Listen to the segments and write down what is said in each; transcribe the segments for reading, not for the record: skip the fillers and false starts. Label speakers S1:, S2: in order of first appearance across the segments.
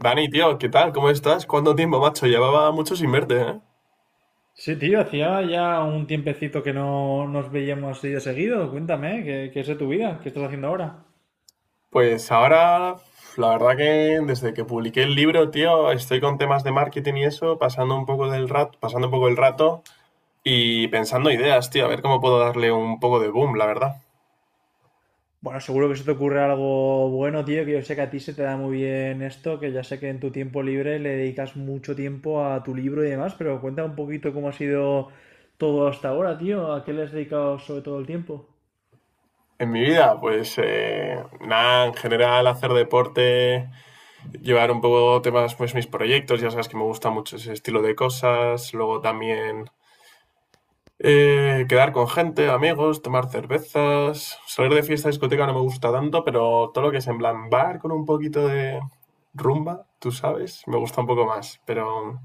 S1: Dani, tío, ¿qué tal? ¿Cómo estás? ¿Cuánto tiempo, macho? Llevaba mucho sin verte, ¿eh?
S2: Sí, tío, hacía ya un tiempecito que no nos veíamos así de seguido. Cuéntame, ¿qué es de tu vida. ¿Qué estás haciendo ahora?
S1: Pues ahora, la verdad que desde que publiqué el libro, tío, estoy con temas de marketing y eso, pasando un poco el rato y pensando ideas, tío, a ver cómo puedo darle un poco de boom, la verdad.
S2: Bueno, seguro que se te ocurre algo bueno, tío, que yo sé que a ti se te da muy bien esto, que ya sé que en tu tiempo libre le dedicas mucho tiempo a tu libro y demás, pero cuenta un poquito cómo ha sido todo hasta ahora, tío, a qué le has dedicado sobre todo el tiempo.
S1: En mi vida, pues nada, en general hacer deporte, llevar un poco temas, pues mis proyectos, ya sabes que me gusta mucho ese estilo de cosas, luego también. Quedar con gente, amigos, tomar cervezas. Salir de fiesta discoteca no me gusta tanto, pero todo lo que es en plan bar con un poquito de rumba, tú sabes, me gusta un poco más. Pero.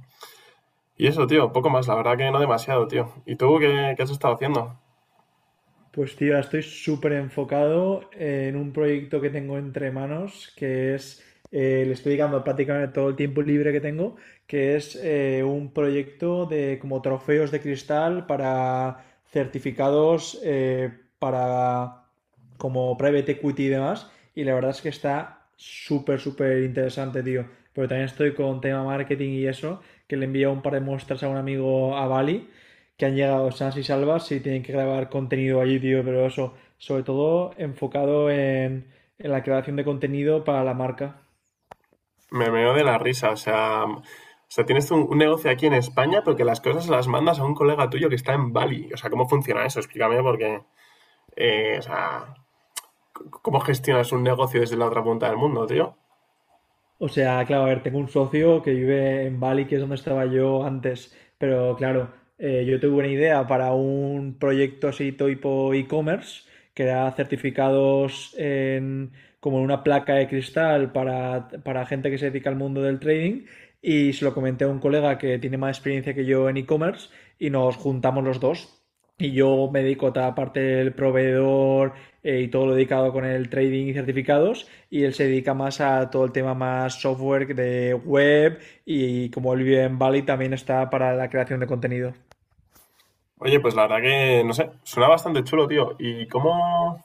S1: Y eso, tío, poco más, la verdad que no demasiado, tío. ¿Y tú qué has estado haciendo?
S2: Pues tío, ahora estoy súper enfocado en un proyecto que tengo entre manos, que es, le estoy dedicando prácticamente todo el tiempo libre que tengo, que es un proyecto de como trofeos de cristal para certificados para como private equity y demás. Y la verdad es que está súper, súper interesante, tío. Pero también estoy con tema marketing y eso, que le envío un par de muestras a un amigo a Bali que han llegado sanas y salvas y tienen que grabar contenido allí, tío, pero eso, sobre todo enfocado en la creación de contenido para la marca.
S1: Me meo de la risa, o sea. O sea, tienes un negocio aquí en España, pero que las cosas las mandas a un colega tuyo que está en Bali. O sea, ¿cómo funciona eso? Explícame, porque, o sea, ¿cómo gestionas un negocio desde la otra punta del mundo, tío?
S2: O sea, claro, a ver, tengo un socio que vive en Bali, que es donde estaba yo antes, pero claro, yo tuve una idea para un proyecto así tipo e-commerce, que era certificados en, como en una placa de cristal para gente que se dedica al mundo del trading, y se lo comenté a un colega que tiene más experiencia que yo en e-commerce, y nos juntamos los dos. Y yo me dedico a toda la parte del proveedor y todo lo dedicado con el trading y certificados. Y él se dedica más a todo el tema más software de web y como él vive en Bali también está para la creación de contenido.
S1: Oye, pues la verdad que, no sé, suena bastante chulo, tío. ¿Y cómo,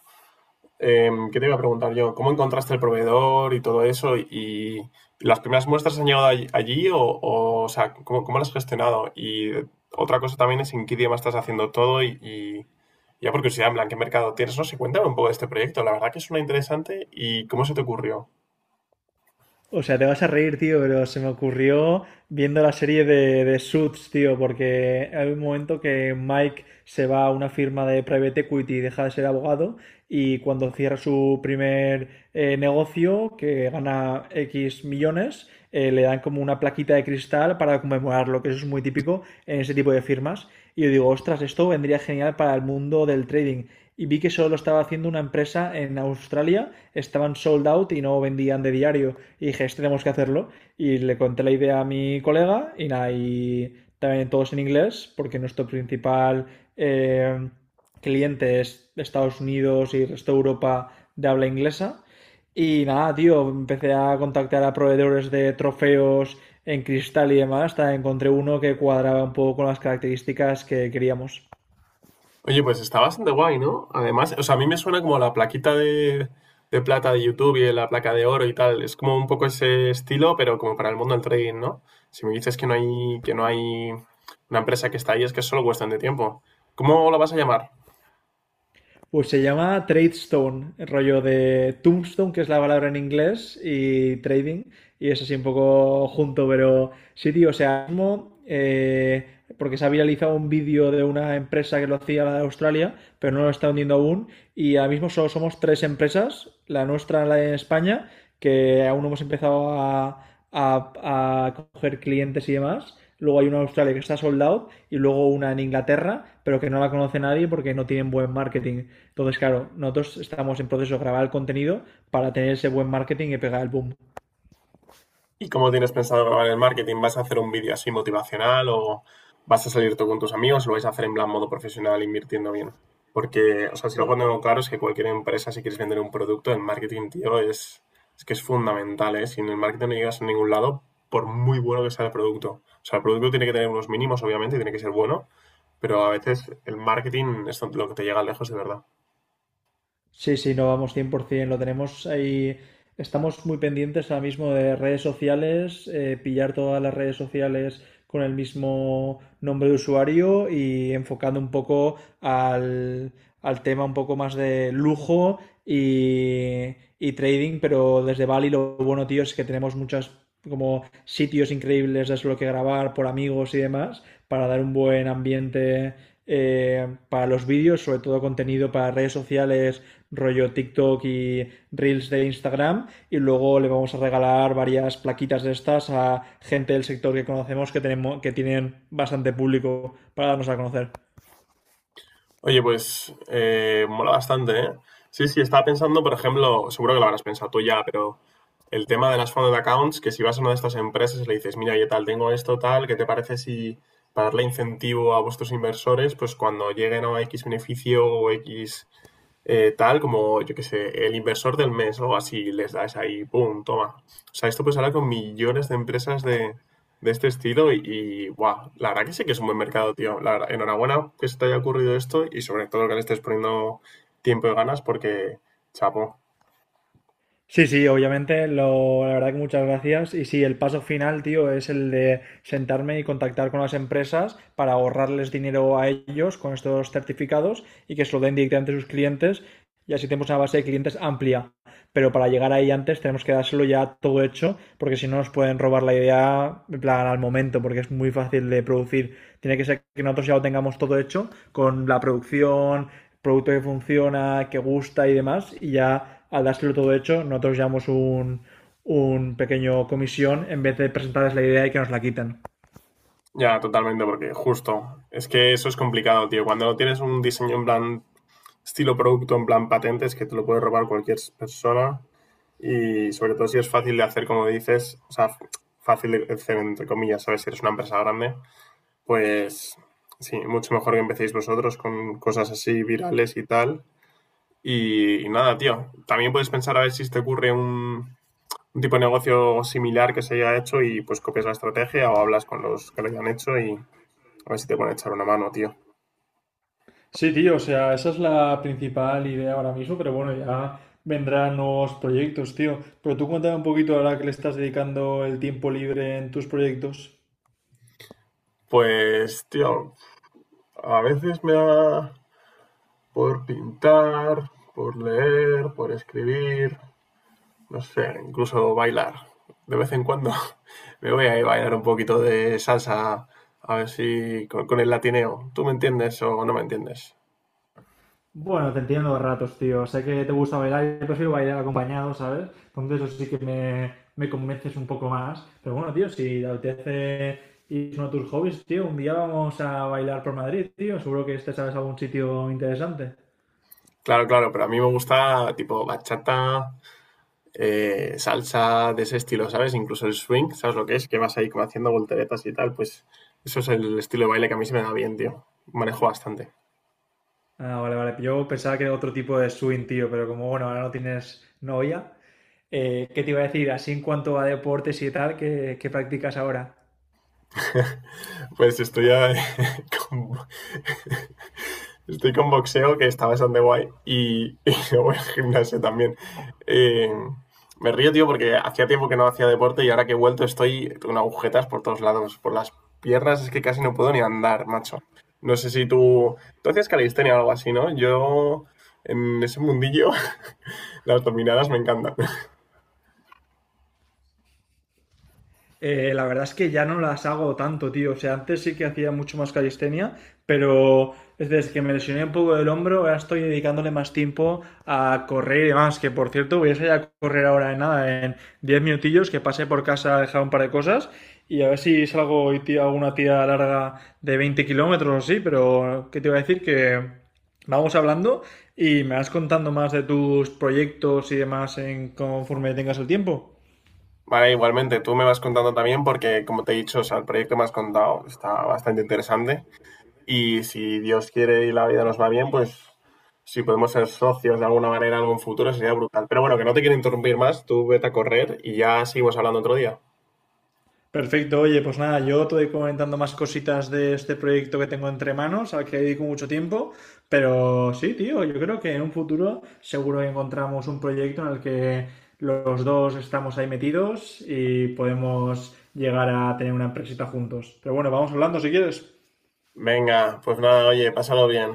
S1: em, ¿Qué te iba a preguntar yo? ¿Cómo encontraste el proveedor y todo eso? ¿Y las primeras muestras han llegado allí o sea, ¿cómo las has gestionado? Y otra cosa también es en qué idioma estás haciendo todo y ya por curiosidad, en plan, ¿qué mercado tienes? No sé, cuéntame un poco de este proyecto. La verdad que suena interesante y ¿cómo se te ocurrió?
S2: O sea, te vas a reír, tío, pero se me ocurrió viendo la serie de Suits, tío, porque hay un momento que Mike se va a una firma de private equity y deja de ser abogado y cuando cierra su primer negocio, que gana X millones, le dan como una plaquita de cristal para conmemorarlo, que eso es muy típico en ese tipo de firmas. Y yo digo, ostras, esto vendría genial para el mundo del trading y vi que solo lo estaba haciendo una empresa en Australia, estaban sold out y no vendían de diario. Y dije, este tenemos que hacerlo. Y le conté la idea a mi colega y nada, y también todos en inglés, porque nuestro principal eh, cliente es Estados Unidos y el resto de Europa de habla inglesa. Y nada, tío, empecé a contactar a proveedores de trofeos en cristal y demás, hasta encontré uno que cuadraba un poco con las características que queríamos.
S1: Oye, pues está bastante guay, ¿no? Además, o sea, a mí me suena como la plaquita de plata de YouTube y la placa de oro y tal. Es como un poco ese estilo, pero como para el mundo del trading, ¿no? Si me dices que no hay una empresa que está ahí, es que es solo cuestión de tiempo. ¿Cómo la vas a llamar?
S2: Pues se llama Trade Stone, el rollo de Tombstone, que es la palabra en inglés, y trading, y es así un poco junto, pero sí, tío, o sea, mismo, porque se ha viralizado un vídeo de una empresa que lo hacía la de Australia, pero no lo está hundiendo aún, y ahora mismo solo somos tres empresas, la nuestra, la de España, que aún no hemos empezado a, a coger clientes y demás. Luego hay una en Australia que está sold out y luego una en Inglaterra, pero que no la conoce nadie porque no tienen buen marketing. Entonces, claro, nosotros estamos en proceso de grabar el contenido para tener ese buen marketing y pegar el boom.
S1: ¿Y cómo tienes pensado grabar el marketing? ¿Vas a hacer un vídeo así motivacional o vas a salir tú con tus amigos? ¿Lo vais a hacer en plan modo profesional invirtiendo bien? Porque, o sea, si lo pongo claro es que cualquier empresa, si quieres vender un producto, el marketing, tío, es que es fundamental, ¿eh? Si en el marketing no llegas a ningún lado, por muy bueno que sea el producto. O sea, el producto tiene que tener unos mínimos, obviamente, y tiene que ser bueno, pero a veces el marketing es lo que te llega lejos de verdad.
S2: Sí, sí, no, vamos, 100%, lo tenemos ahí. Estamos muy pendientes ahora mismo de redes sociales, pillar todas las redes sociales con el mismo nombre de usuario y enfocando un poco al, al tema un poco más de lujo y trading, pero desde Bali lo bueno, tío, es que tenemos muchas como sitios increíbles de lo que grabar por amigos y demás para dar un buen ambiente para los vídeos, sobre todo contenido para redes sociales rollo TikTok y Reels de Instagram y luego le vamos a regalar varias plaquitas de estas a gente del sector que conocemos que tenemos que tienen bastante público para darnos a conocer.
S1: Oye, pues mola bastante, ¿eh? Sí, sí, estaba pensando, por ejemplo, seguro que lo habrás pensado tú ya, pero el tema de las founded accounts, que si vas a una de estas empresas y le dices, mira, yo tal, tengo esto, tal, ¿qué te parece si para darle incentivo a vuestros inversores, pues cuando lleguen a X beneficio o X, tal como, yo qué sé, el inversor del mes o algo así, les das ahí, ¡pum!, toma. O sea, esto pues hablar con millones de empresas de este estilo y, guau, la verdad que sí que es un buen mercado, tío. La verdad, enhorabuena que se te haya ocurrido esto y sobre todo que le estés poniendo tiempo y ganas porque, chapo.
S2: Sí, sí, obviamente, lo, la verdad que muchas gracias. Y sí, el paso final, tío, es el de sentarme y contactar con las empresas para ahorrarles dinero a ellos con estos certificados y que se lo den directamente a sus clientes y así tenemos una base de clientes amplia. Pero para llegar ahí antes tenemos que dárselo ya todo hecho, porque si no nos pueden robar la idea en plan, al momento, porque es muy fácil de producir. Tiene que ser que nosotros ya lo tengamos todo hecho con la producción, producto que funciona, que gusta y demás, y ya al dárselo todo hecho, nosotros llevamos un pequeño comisión en vez de presentarles la idea y que nos la quiten.
S1: Ya totalmente, porque justo, es que eso es complicado, tío. Cuando no tienes un diseño en plan estilo producto, en plan patentes, que te lo puede robar cualquier persona. Y sobre todo si es fácil de hacer, como dices, o sea, fácil de hacer entre comillas, ¿sabes? Si eres una empresa grande, pues sí, mucho mejor que empecéis vosotros con cosas así virales y tal. Y nada, tío, también puedes pensar a ver si te ocurre un tipo de negocio similar que se haya hecho y pues copias la estrategia o hablas con los que lo hayan hecho y a ver si te pueden echar una mano, tío.
S2: Sí, tío, o sea, esa es la principal idea ahora mismo, pero bueno, ya vendrán nuevos proyectos, tío. Pero tú cuéntame un poquito ahora que le estás dedicando el tiempo libre en tus proyectos.
S1: Pues, tío, a veces me da por pintar, por leer, por escribir, no sé, incluso bailar. De vez en cuando me voy a ir a bailar un poquito de salsa, a ver si con, el latineo. ¿Tú me entiendes o no me entiendes?
S2: Bueno, te entiendo a ratos, tío. Sé que te gusta bailar, yo prefiero bailar acompañado, ¿sabes? Entonces eso sí que me convences un poco más. Pero bueno, tío, si te apetece ir a uno de tus hobbies, tío, un día vamos a bailar por Madrid, tío. Seguro que este sabes algún sitio interesante.
S1: Claro, claro, pero a mí me gusta tipo bachata, salsa de ese estilo, ¿sabes? Incluso el swing, ¿sabes lo que es? Que vas ahí como haciendo volteretas y tal, pues eso es el estilo de baile que a mí se me da bien, tío. Manejo bastante.
S2: Ah, vale, vale. Yo pensaba que era otro tipo de swing, tío, pero como bueno, ahora no tienes novia, ¿qué te iba a decir? Así en cuanto a deportes y tal, ¿qué, qué practicas ahora?
S1: Pues estoy, a- con, estoy con boxeo, que está bastante guay, y luego el gimnasio también. Eh, Me río, tío, porque hacía tiempo que no hacía deporte y ahora que he vuelto estoy con agujetas por todos lados. Por las piernas es que casi no puedo ni andar, macho. No sé si tú... Tú hacías calistenia o algo así, ¿no? Yo, en ese mundillo, las dominadas me encantan.
S2: La verdad es que ya no las hago tanto, tío. O sea, antes sí que hacía mucho más calistenia, pero desde que me lesioné un poco del hombro, ahora estoy dedicándole más tiempo a correr y demás. Que por cierto, voy a salir a correr ahora en nada, en 10 minutillos, que pasé por casa a dejar un par de cosas. Y a ver si salgo y tiro alguna tira larga de 20 kilómetros o así, pero ¿qué te iba a decir? Que vamos hablando y me vas contando más de tus proyectos y demás en conforme tengas el tiempo.
S1: Vale, igualmente, tú me vas contando también porque, como te he dicho, o sea, el proyecto que me has contado está bastante interesante y si Dios quiere y la vida nos va bien, pues si podemos ser socios de alguna manera en algún futuro sería brutal. Pero bueno, que no te quiero interrumpir más, tú vete a correr y ya seguimos hablando otro día.
S2: Perfecto, oye, pues nada, yo te voy comentando más cositas de este proyecto que tengo entre manos, al que dedico mucho tiempo, pero sí, tío, yo creo que en un futuro seguro que encontramos un proyecto en el que los dos estamos ahí metidos y podemos llegar a tener una empresita juntos. Pero bueno, vamos hablando si quieres.
S1: Venga, pues nada, oye, pásalo bien.